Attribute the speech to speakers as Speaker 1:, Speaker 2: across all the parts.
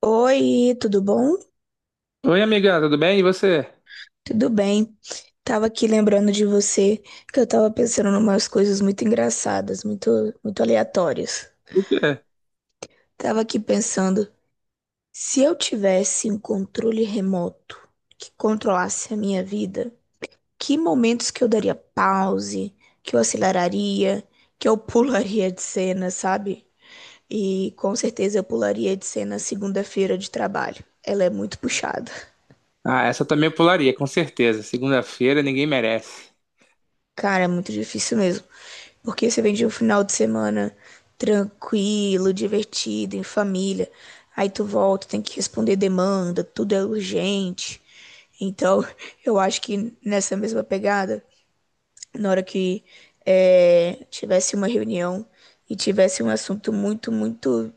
Speaker 1: Oi, tudo bom?
Speaker 2: Oi, amiga, tudo bem? E você?
Speaker 1: Tudo bem. Tava aqui lembrando de você que eu tava pensando em umas coisas muito engraçadas, muito, muito aleatórias.
Speaker 2: O quê?
Speaker 1: Tava aqui pensando, se eu tivesse um controle remoto que controlasse a minha vida, que momentos que eu daria pause, que eu aceleraria, que eu pularia de cena, sabe? E com certeza eu pularia de cena segunda-feira de trabalho. Ela é muito puxada.
Speaker 2: Ah, essa eu também pularia, com certeza. Segunda-feira ninguém merece.
Speaker 1: Cara, é muito difícil mesmo. Porque você vem de um final de semana tranquilo, divertido, em família. Aí tu volta, tem que responder demanda, tudo é urgente. Então, eu acho que nessa mesma pegada, na hora que tivesse uma reunião e tivesse um assunto muito, muito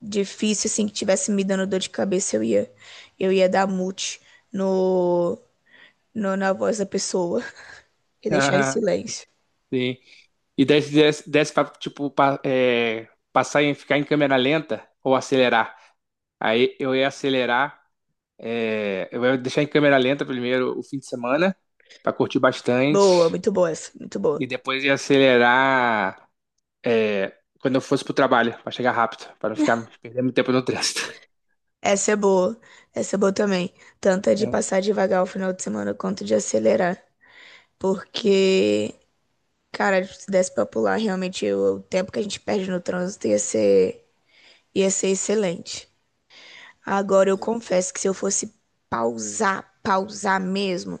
Speaker 1: difícil, assim, que tivesse me dando dor de cabeça, eu ia dar mute no, no, na voz da pessoa e deixar em
Speaker 2: Ah,
Speaker 1: silêncio.
Speaker 2: sim. E desse pra, tipo, passar em ficar em câmera lenta ou acelerar. Aí eu ia acelerar, eu ia deixar em câmera lenta primeiro o fim de semana, pra curtir
Speaker 1: Boa,
Speaker 2: bastante.
Speaker 1: muito boa.
Speaker 2: E depois ia acelerar, quando eu fosse pro trabalho, pra chegar rápido, pra não ficar perdendo tempo no trânsito.
Speaker 1: Essa é boa, essa é boa também. Tanto é de
Speaker 2: Uhum.
Speaker 1: passar devagar o final de semana quanto de acelerar. Porque, cara, se desse pra pular, realmente o tempo que a gente perde no trânsito ia ser excelente. Agora, eu confesso que se eu fosse pausar, pausar mesmo,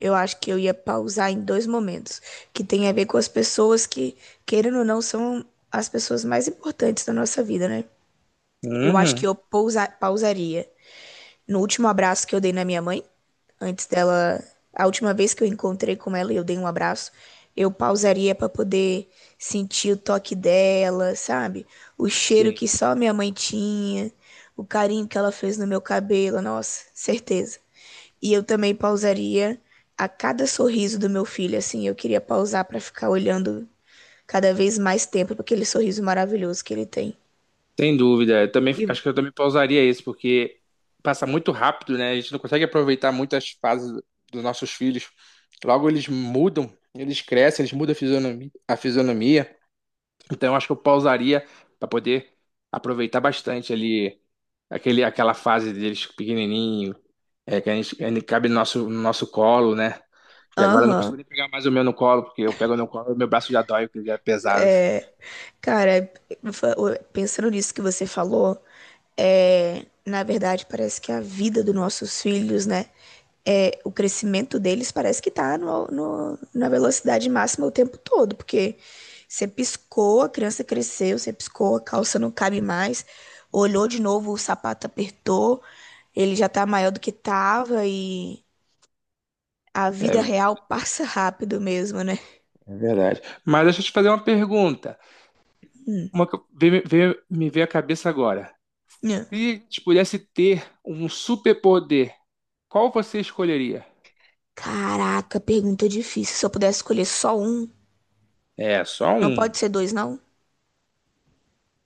Speaker 1: eu acho que eu ia pausar em dois momentos, que tem a ver com as pessoas que, querendo ou não, são as pessoas mais importantes da nossa vida, né? Eu acho que
Speaker 2: Uhum.
Speaker 1: eu pausaria no último abraço que eu dei na minha mãe, antes dela, a última vez que eu encontrei com ela e eu dei um abraço, eu pausaria para poder sentir o toque dela, sabe? O cheiro
Speaker 2: Sim.
Speaker 1: que só minha mãe tinha, o carinho que ela fez no meu cabelo, nossa, certeza. E eu também pausaria a cada sorriso do meu filho, assim, eu queria pausar para ficar olhando cada vez mais tempo para aquele sorriso maravilhoso que ele tem.
Speaker 2: Sem dúvida. Eu também,
Speaker 1: E
Speaker 2: acho que eu também pausaria esse, porque passa muito rápido, né? A gente não consegue aproveitar muito as fases dos nossos filhos. Logo eles mudam, eles crescem, eles mudam a fisionomia. Então acho que eu pausaria para poder aproveitar bastante ali aquela fase deles pequenininho, que a gente cabe no no nosso colo, né? Que agora eu não consigo
Speaker 1: Aham,
Speaker 2: nem pegar mais o meu no colo, porque eu pego no colo e meu braço já dói, porque ele já é pesado.
Speaker 1: é. Cara, pensando nisso que você falou, na verdade parece que a vida dos nossos filhos, né? É, o crescimento deles parece que tá na velocidade máxima o tempo todo, porque você piscou, a criança cresceu, você piscou, a calça não cabe mais, olhou de novo, o sapato apertou, ele já tá maior do que tava e a vida
Speaker 2: É,
Speaker 1: real passa rápido mesmo, né?
Speaker 2: é verdade. Mas deixa eu te fazer uma pergunta.
Speaker 1: Hum,
Speaker 2: Uma que me veio à cabeça agora.
Speaker 1: nhã.
Speaker 2: Se te pudesse ter um superpoder, qual você escolheria?
Speaker 1: Caraca, pergunta difícil. Se eu pudesse escolher só um.
Speaker 2: É, só
Speaker 1: Não pode
Speaker 2: um.
Speaker 1: ser dois, não?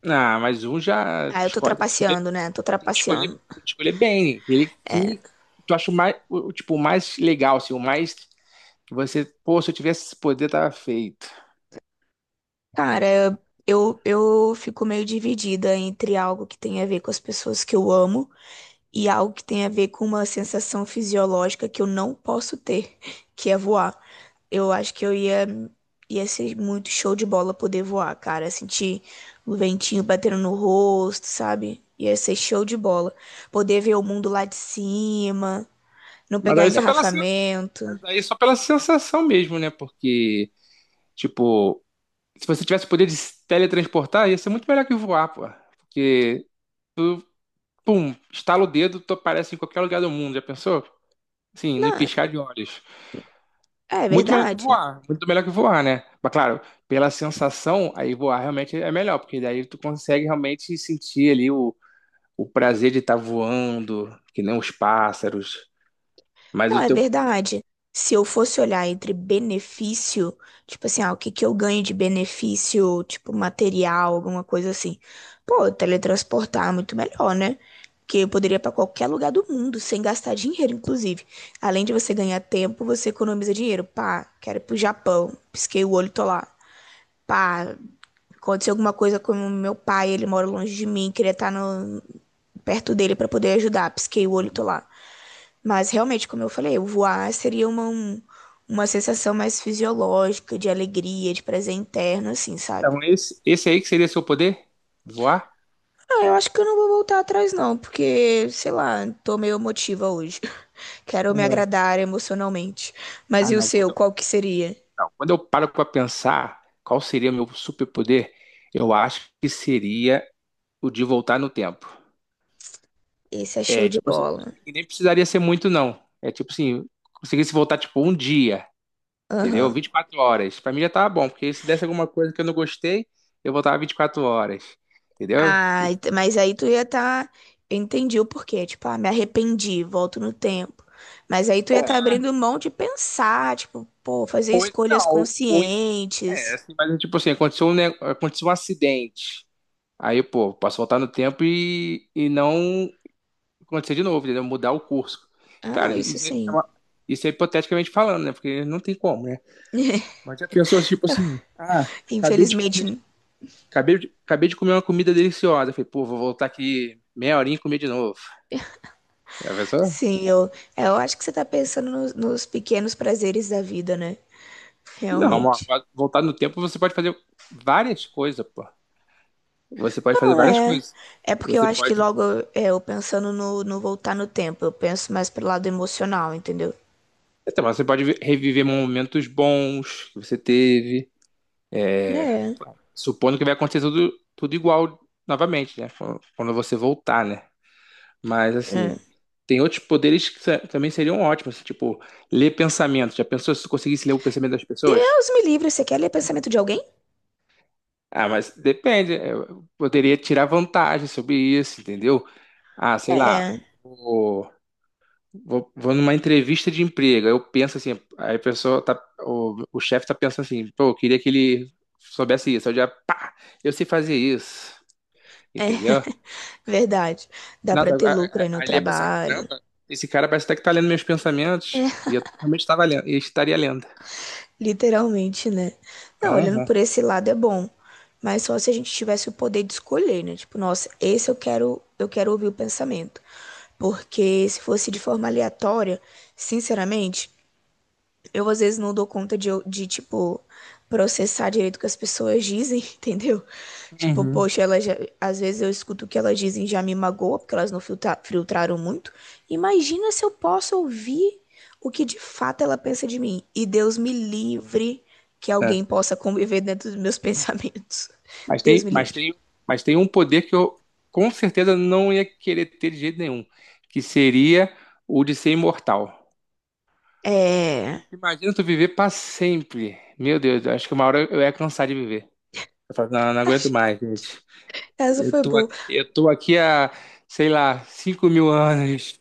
Speaker 2: Ah, mas um já
Speaker 1: Ah, eu tô
Speaker 2: escolhe,
Speaker 1: trapaceando, né? Tô trapaceando.
Speaker 2: tem que escolher bem. Ele que tu acha o mais, tipo, o mais legal, assim, o mais que você, pô, se eu tivesse esse poder, tava feito.
Speaker 1: Cara, eu fico meio dividida entre algo que tem a ver com as pessoas que eu amo e algo que tem a ver com uma sensação fisiológica que eu não posso ter, que é voar. Eu acho que eu ia ser muito show de bola poder voar, cara. Sentir o ventinho batendo no rosto, sabe? Ia ser show de bola. Poder ver o mundo lá de cima, não
Speaker 2: Mas
Speaker 1: pegar
Speaker 2: aí só pela,
Speaker 1: engarrafamento.
Speaker 2: mas aí só pela sensação mesmo, né? Porque, tipo, se você tivesse o poder de se teletransportar, ia ser muito melhor que voar, pô. Porque pum, estala o dedo, tu aparece em qualquer lugar do mundo, já pensou? Sim, no
Speaker 1: Não,
Speaker 2: piscar de olhos.
Speaker 1: é
Speaker 2: Muito melhor que
Speaker 1: verdade.
Speaker 2: voar, muito melhor que voar, né? Mas claro, pela sensação, aí voar realmente é melhor, porque daí tu consegue realmente sentir ali o prazer de estar voando, que nem os pássaros. Mas
Speaker 1: Não,
Speaker 2: o
Speaker 1: é
Speaker 2: teu.
Speaker 1: verdade. Se eu fosse olhar entre benefício, tipo assim, ah, o que que eu ganho de benefício, tipo material, alguma coisa assim. Pô, teletransportar é muito melhor, né? Porque eu poderia ir pra qualquer lugar do mundo sem gastar dinheiro, inclusive. Além de você ganhar tempo, você economiza dinheiro. Pá, quero ir pro Japão. Pisquei o olho, tô lá. Pá, aconteceu alguma coisa com o meu pai, ele mora longe de mim, queria estar perto dele pra poder ajudar. Pisquei o olho, tô lá. Mas realmente, como eu falei, o voar seria uma sensação mais fisiológica, de alegria, de prazer interno, assim, sabe?
Speaker 2: Então, esse aí que seria seu poder? Voar?
Speaker 1: Ah, eu acho que eu não vou voltar atrás, não, porque, sei lá, tô meio emotiva hoje. Quero me
Speaker 2: Uhum.
Speaker 1: agradar emocionalmente. Mas
Speaker 2: Ah,
Speaker 1: e o
Speaker 2: não.
Speaker 1: seu, qual que seria?
Speaker 2: Quando eu paro para pensar qual seria meu superpoder, eu acho que seria o de voltar no tempo.
Speaker 1: Esse é show
Speaker 2: É,
Speaker 1: de
Speaker 2: tipo assim,
Speaker 1: bola.
Speaker 2: e nem precisaria ser muito, não. É tipo assim, conseguisse voltar, tipo, um dia, entendeu?
Speaker 1: Aham.
Speaker 2: Vinte e quatro horas. Pra mim já tava bom, porque se desse alguma coisa que eu não gostei, eu voltava 24 horas, entendeu?
Speaker 1: Ah, mas aí tu ia estar. Eu entendi o porquê. Tipo, ah, me arrependi, volto no tempo. Mas aí tu ia estar abrindo mão de pensar, tipo, pô, fazer
Speaker 2: Ou, en- não,
Speaker 1: escolhas
Speaker 2: ou en- é,
Speaker 1: conscientes.
Speaker 2: assim, mas tipo assim, aconteceu aconteceu um acidente. Aí, pô, posso voltar no tempo e não acontecer de novo, entendeu? Mudar o curso.
Speaker 1: Ah, não,
Speaker 2: Claro,
Speaker 1: isso sim.
Speaker 2: isso é hipoteticamente falando, né? Porque não tem como, né? Mas já pensou, tipo assim, ah, acabei de comer
Speaker 1: Infelizmente,
Speaker 2: Acabei de comer uma comida deliciosa. Falei, pô, vou voltar aqui meia horinha e comer de novo. Já pensou?
Speaker 1: sim, eu acho que você tá pensando nos pequenos prazeres da vida, né?
Speaker 2: Não, amor,
Speaker 1: Realmente.
Speaker 2: voltar no tempo você pode fazer várias coisas, pô. Você pode fazer
Speaker 1: Não,
Speaker 2: várias
Speaker 1: é.
Speaker 2: coisas.
Speaker 1: É porque eu
Speaker 2: Você
Speaker 1: acho que
Speaker 2: pode.
Speaker 1: logo eu pensando no voltar no tempo, eu penso mais pro lado emocional, entendeu?
Speaker 2: Então, mas você pode reviver momentos bons que você teve. é,
Speaker 1: É,
Speaker 2: Supondo que vai acontecer tudo, tudo igual novamente, né? Quando você voltar, né? Mas
Speaker 1: é.
Speaker 2: assim, tem outros poderes que também seriam ótimos. Assim, tipo, ler pensamento. Já pensou se você conseguisse ler o pensamento das pessoas?
Speaker 1: Deus me livre, você quer ler pensamento de alguém?
Speaker 2: Ah, mas depende. Eu poderia tirar vantagem sobre isso, entendeu? Ah,
Speaker 1: É,
Speaker 2: sei lá,
Speaker 1: é
Speaker 2: vou, vou numa entrevista de emprego. Aí eu penso assim, aí a pessoa tá, o chefe tá pensando assim, pô, eu queria que ele soubesse isso. Aí eu já, pá, eu sei fazer isso, entendeu?
Speaker 1: verdade. Dá pra
Speaker 2: Nossa,
Speaker 1: ter lucro aí no
Speaker 2: aí ele ia pensar,
Speaker 1: trabalho.
Speaker 2: caramba, esse cara parece até que tá lendo meus pensamentos.
Speaker 1: É,
Speaker 2: E eu realmente estava lendo, e estaria lendo.
Speaker 1: literalmente, né? Não, olhando
Speaker 2: Aham.
Speaker 1: por esse lado é bom, mas só se a gente tivesse o poder de escolher, né? Tipo, nossa, esse eu quero ouvir o pensamento. Porque se fosse de forma aleatória, sinceramente, eu às vezes não dou conta de tipo, processar direito o que as pessoas dizem, entendeu? Tipo,
Speaker 2: Uhum.
Speaker 1: poxa, ela já, às vezes eu escuto o que elas dizem e já me magoa, porque elas não filtraram muito. Imagina se eu posso ouvir o que de fato ela pensa de mim. E Deus me livre que alguém possa conviver dentro dos meus pensamentos.
Speaker 2: Mas
Speaker 1: Deus
Speaker 2: tem,
Speaker 1: me
Speaker 2: mas
Speaker 1: livre.
Speaker 2: tem, mas tem um poder que eu com certeza não ia querer ter de jeito nenhum, que seria o de ser imortal.
Speaker 1: É.
Speaker 2: Imagina tu viver para sempre. Meu Deus, eu acho que uma hora eu ia cansar de viver. Eu falo, não, não
Speaker 1: Ai,
Speaker 2: aguento mais, gente.
Speaker 1: essa foi boa.
Speaker 2: Eu tô aqui há, sei lá, 5 mil anos,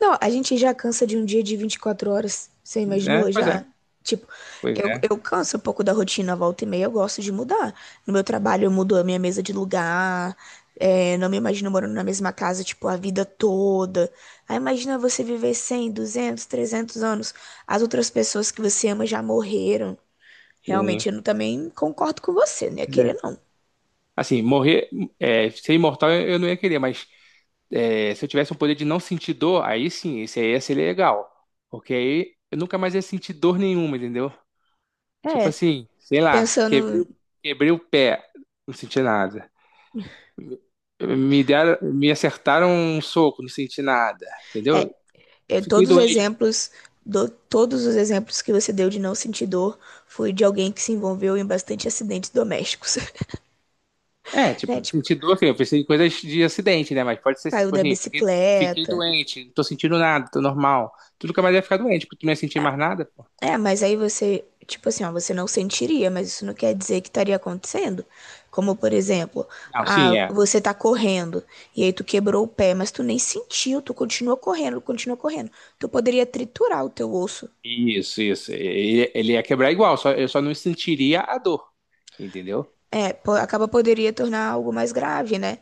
Speaker 1: Não, a gente já cansa de um dia de 24 horas. Você
Speaker 2: né?
Speaker 1: imaginou
Speaker 2: Pois
Speaker 1: já?
Speaker 2: é,
Speaker 1: Tipo,
Speaker 2: pois
Speaker 1: eu,
Speaker 2: é.
Speaker 1: eu canso um pouco da rotina, volta e meia, eu gosto de mudar. No meu trabalho, eu mudo a minha mesa de lugar. Não me imagino morando na mesma casa, tipo, a vida toda. Aí imagina você viver 100, 200, 300 anos. As outras pessoas que você ama já morreram.
Speaker 2: Sim.
Speaker 1: Realmente, eu também concordo com você, né? Querer não.
Speaker 2: Assim, morrer, ser imortal eu não ia querer, mas se eu tivesse o poder de não sentir dor, aí sim, esse aí ia ser legal. Porque aí eu nunca mais ia sentir dor nenhuma, entendeu? Tipo
Speaker 1: É,
Speaker 2: assim, sei lá,
Speaker 1: pensando.
Speaker 2: quebrei o pé, não senti nada. Me acertaram um soco, não senti nada,
Speaker 1: é,
Speaker 2: entendeu?
Speaker 1: É,
Speaker 2: Fiquei
Speaker 1: todos os
Speaker 2: doente.
Speaker 1: exemplos, todos os exemplos que você deu de não sentir dor foi de alguém que se envolveu em bastante acidentes domésticos,
Speaker 2: É,
Speaker 1: né?
Speaker 2: tipo,
Speaker 1: Tipo,
Speaker 2: senti dor, assim, eu pensei em coisas de acidente, né? Mas pode ser
Speaker 1: caiu
Speaker 2: tipo
Speaker 1: da
Speaker 2: assim, fiquei
Speaker 1: bicicleta.
Speaker 2: doente, não tô sentindo nada, tô normal. Tu nunca mais ia ficar doente, porque tu não ia sentir mais nada.
Speaker 1: É, mas aí você, tipo assim, ó, você não sentiria, mas isso não quer dizer que estaria acontecendo. Como, por exemplo,
Speaker 2: Não,
Speaker 1: ah,
Speaker 2: sim, é.
Speaker 1: você tá correndo e aí tu quebrou o pé, mas tu nem sentiu, tu continua correndo, continua correndo. Tu poderia triturar o teu osso.
Speaker 2: Isso, isso. Ele ia quebrar igual, só, eu só não sentiria a dor, entendeu?
Speaker 1: É, acaba poderia tornar algo mais grave, né?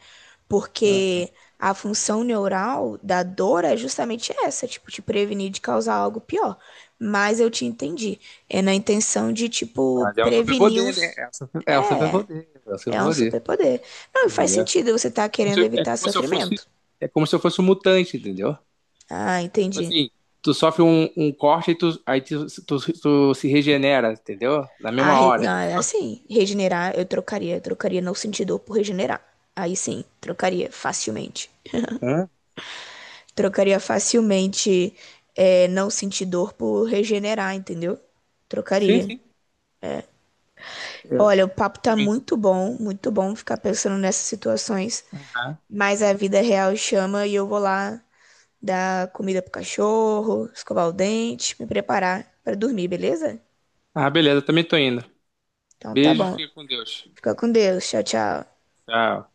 Speaker 2: Aham.
Speaker 1: Porque a função neural da dor é justamente essa, tipo, te prevenir de causar algo pior. Mas eu te entendi. É na intenção de, tipo,
Speaker 2: Mas é um
Speaker 1: prevenir
Speaker 2: superpoder, né?
Speaker 1: uns. É,
Speaker 2: É um
Speaker 1: é um
Speaker 2: superpoder,
Speaker 1: superpoder. Não, e faz
Speaker 2: entendeu?
Speaker 1: sentido, você tá
Speaker 2: Como
Speaker 1: querendo
Speaker 2: se- é
Speaker 1: evitar
Speaker 2: como se eu fosse,
Speaker 1: sofrimento.
Speaker 2: é como se eu fosse um mutante, entendeu?
Speaker 1: Ah,
Speaker 2: Tipo
Speaker 1: entendi.
Speaker 2: assim, tu sofre um corte e tu, aí tu, tu, tu se regenera, entendeu? Na
Speaker 1: Ah,
Speaker 2: mesma hora.
Speaker 1: não,
Speaker 2: Entendeu?
Speaker 1: é assim, regenerar eu trocaria. Eu trocaria não sentir dor por regenerar. Aí sim, trocaria facilmente.
Speaker 2: Hã?
Speaker 1: Trocaria facilmente não sentir dor por regenerar, entendeu?
Speaker 2: Sim,
Speaker 1: Trocaria.
Speaker 2: sim. É. Eu
Speaker 1: Olha, o papo tá
Speaker 2: também.
Speaker 1: muito bom ficar pensando nessas situações,
Speaker 2: Aham.
Speaker 1: mas a vida real chama e eu vou lá dar comida pro cachorro, escovar o dente, me preparar pra dormir, beleza?
Speaker 2: Ah, beleza, eu também tô indo.
Speaker 1: Então tá
Speaker 2: Beijo,
Speaker 1: bom.
Speaker 2: fica com Deus.
Speaker 1: Fica com Deus. Tchau, tchau.
Speaker 2: Tchau.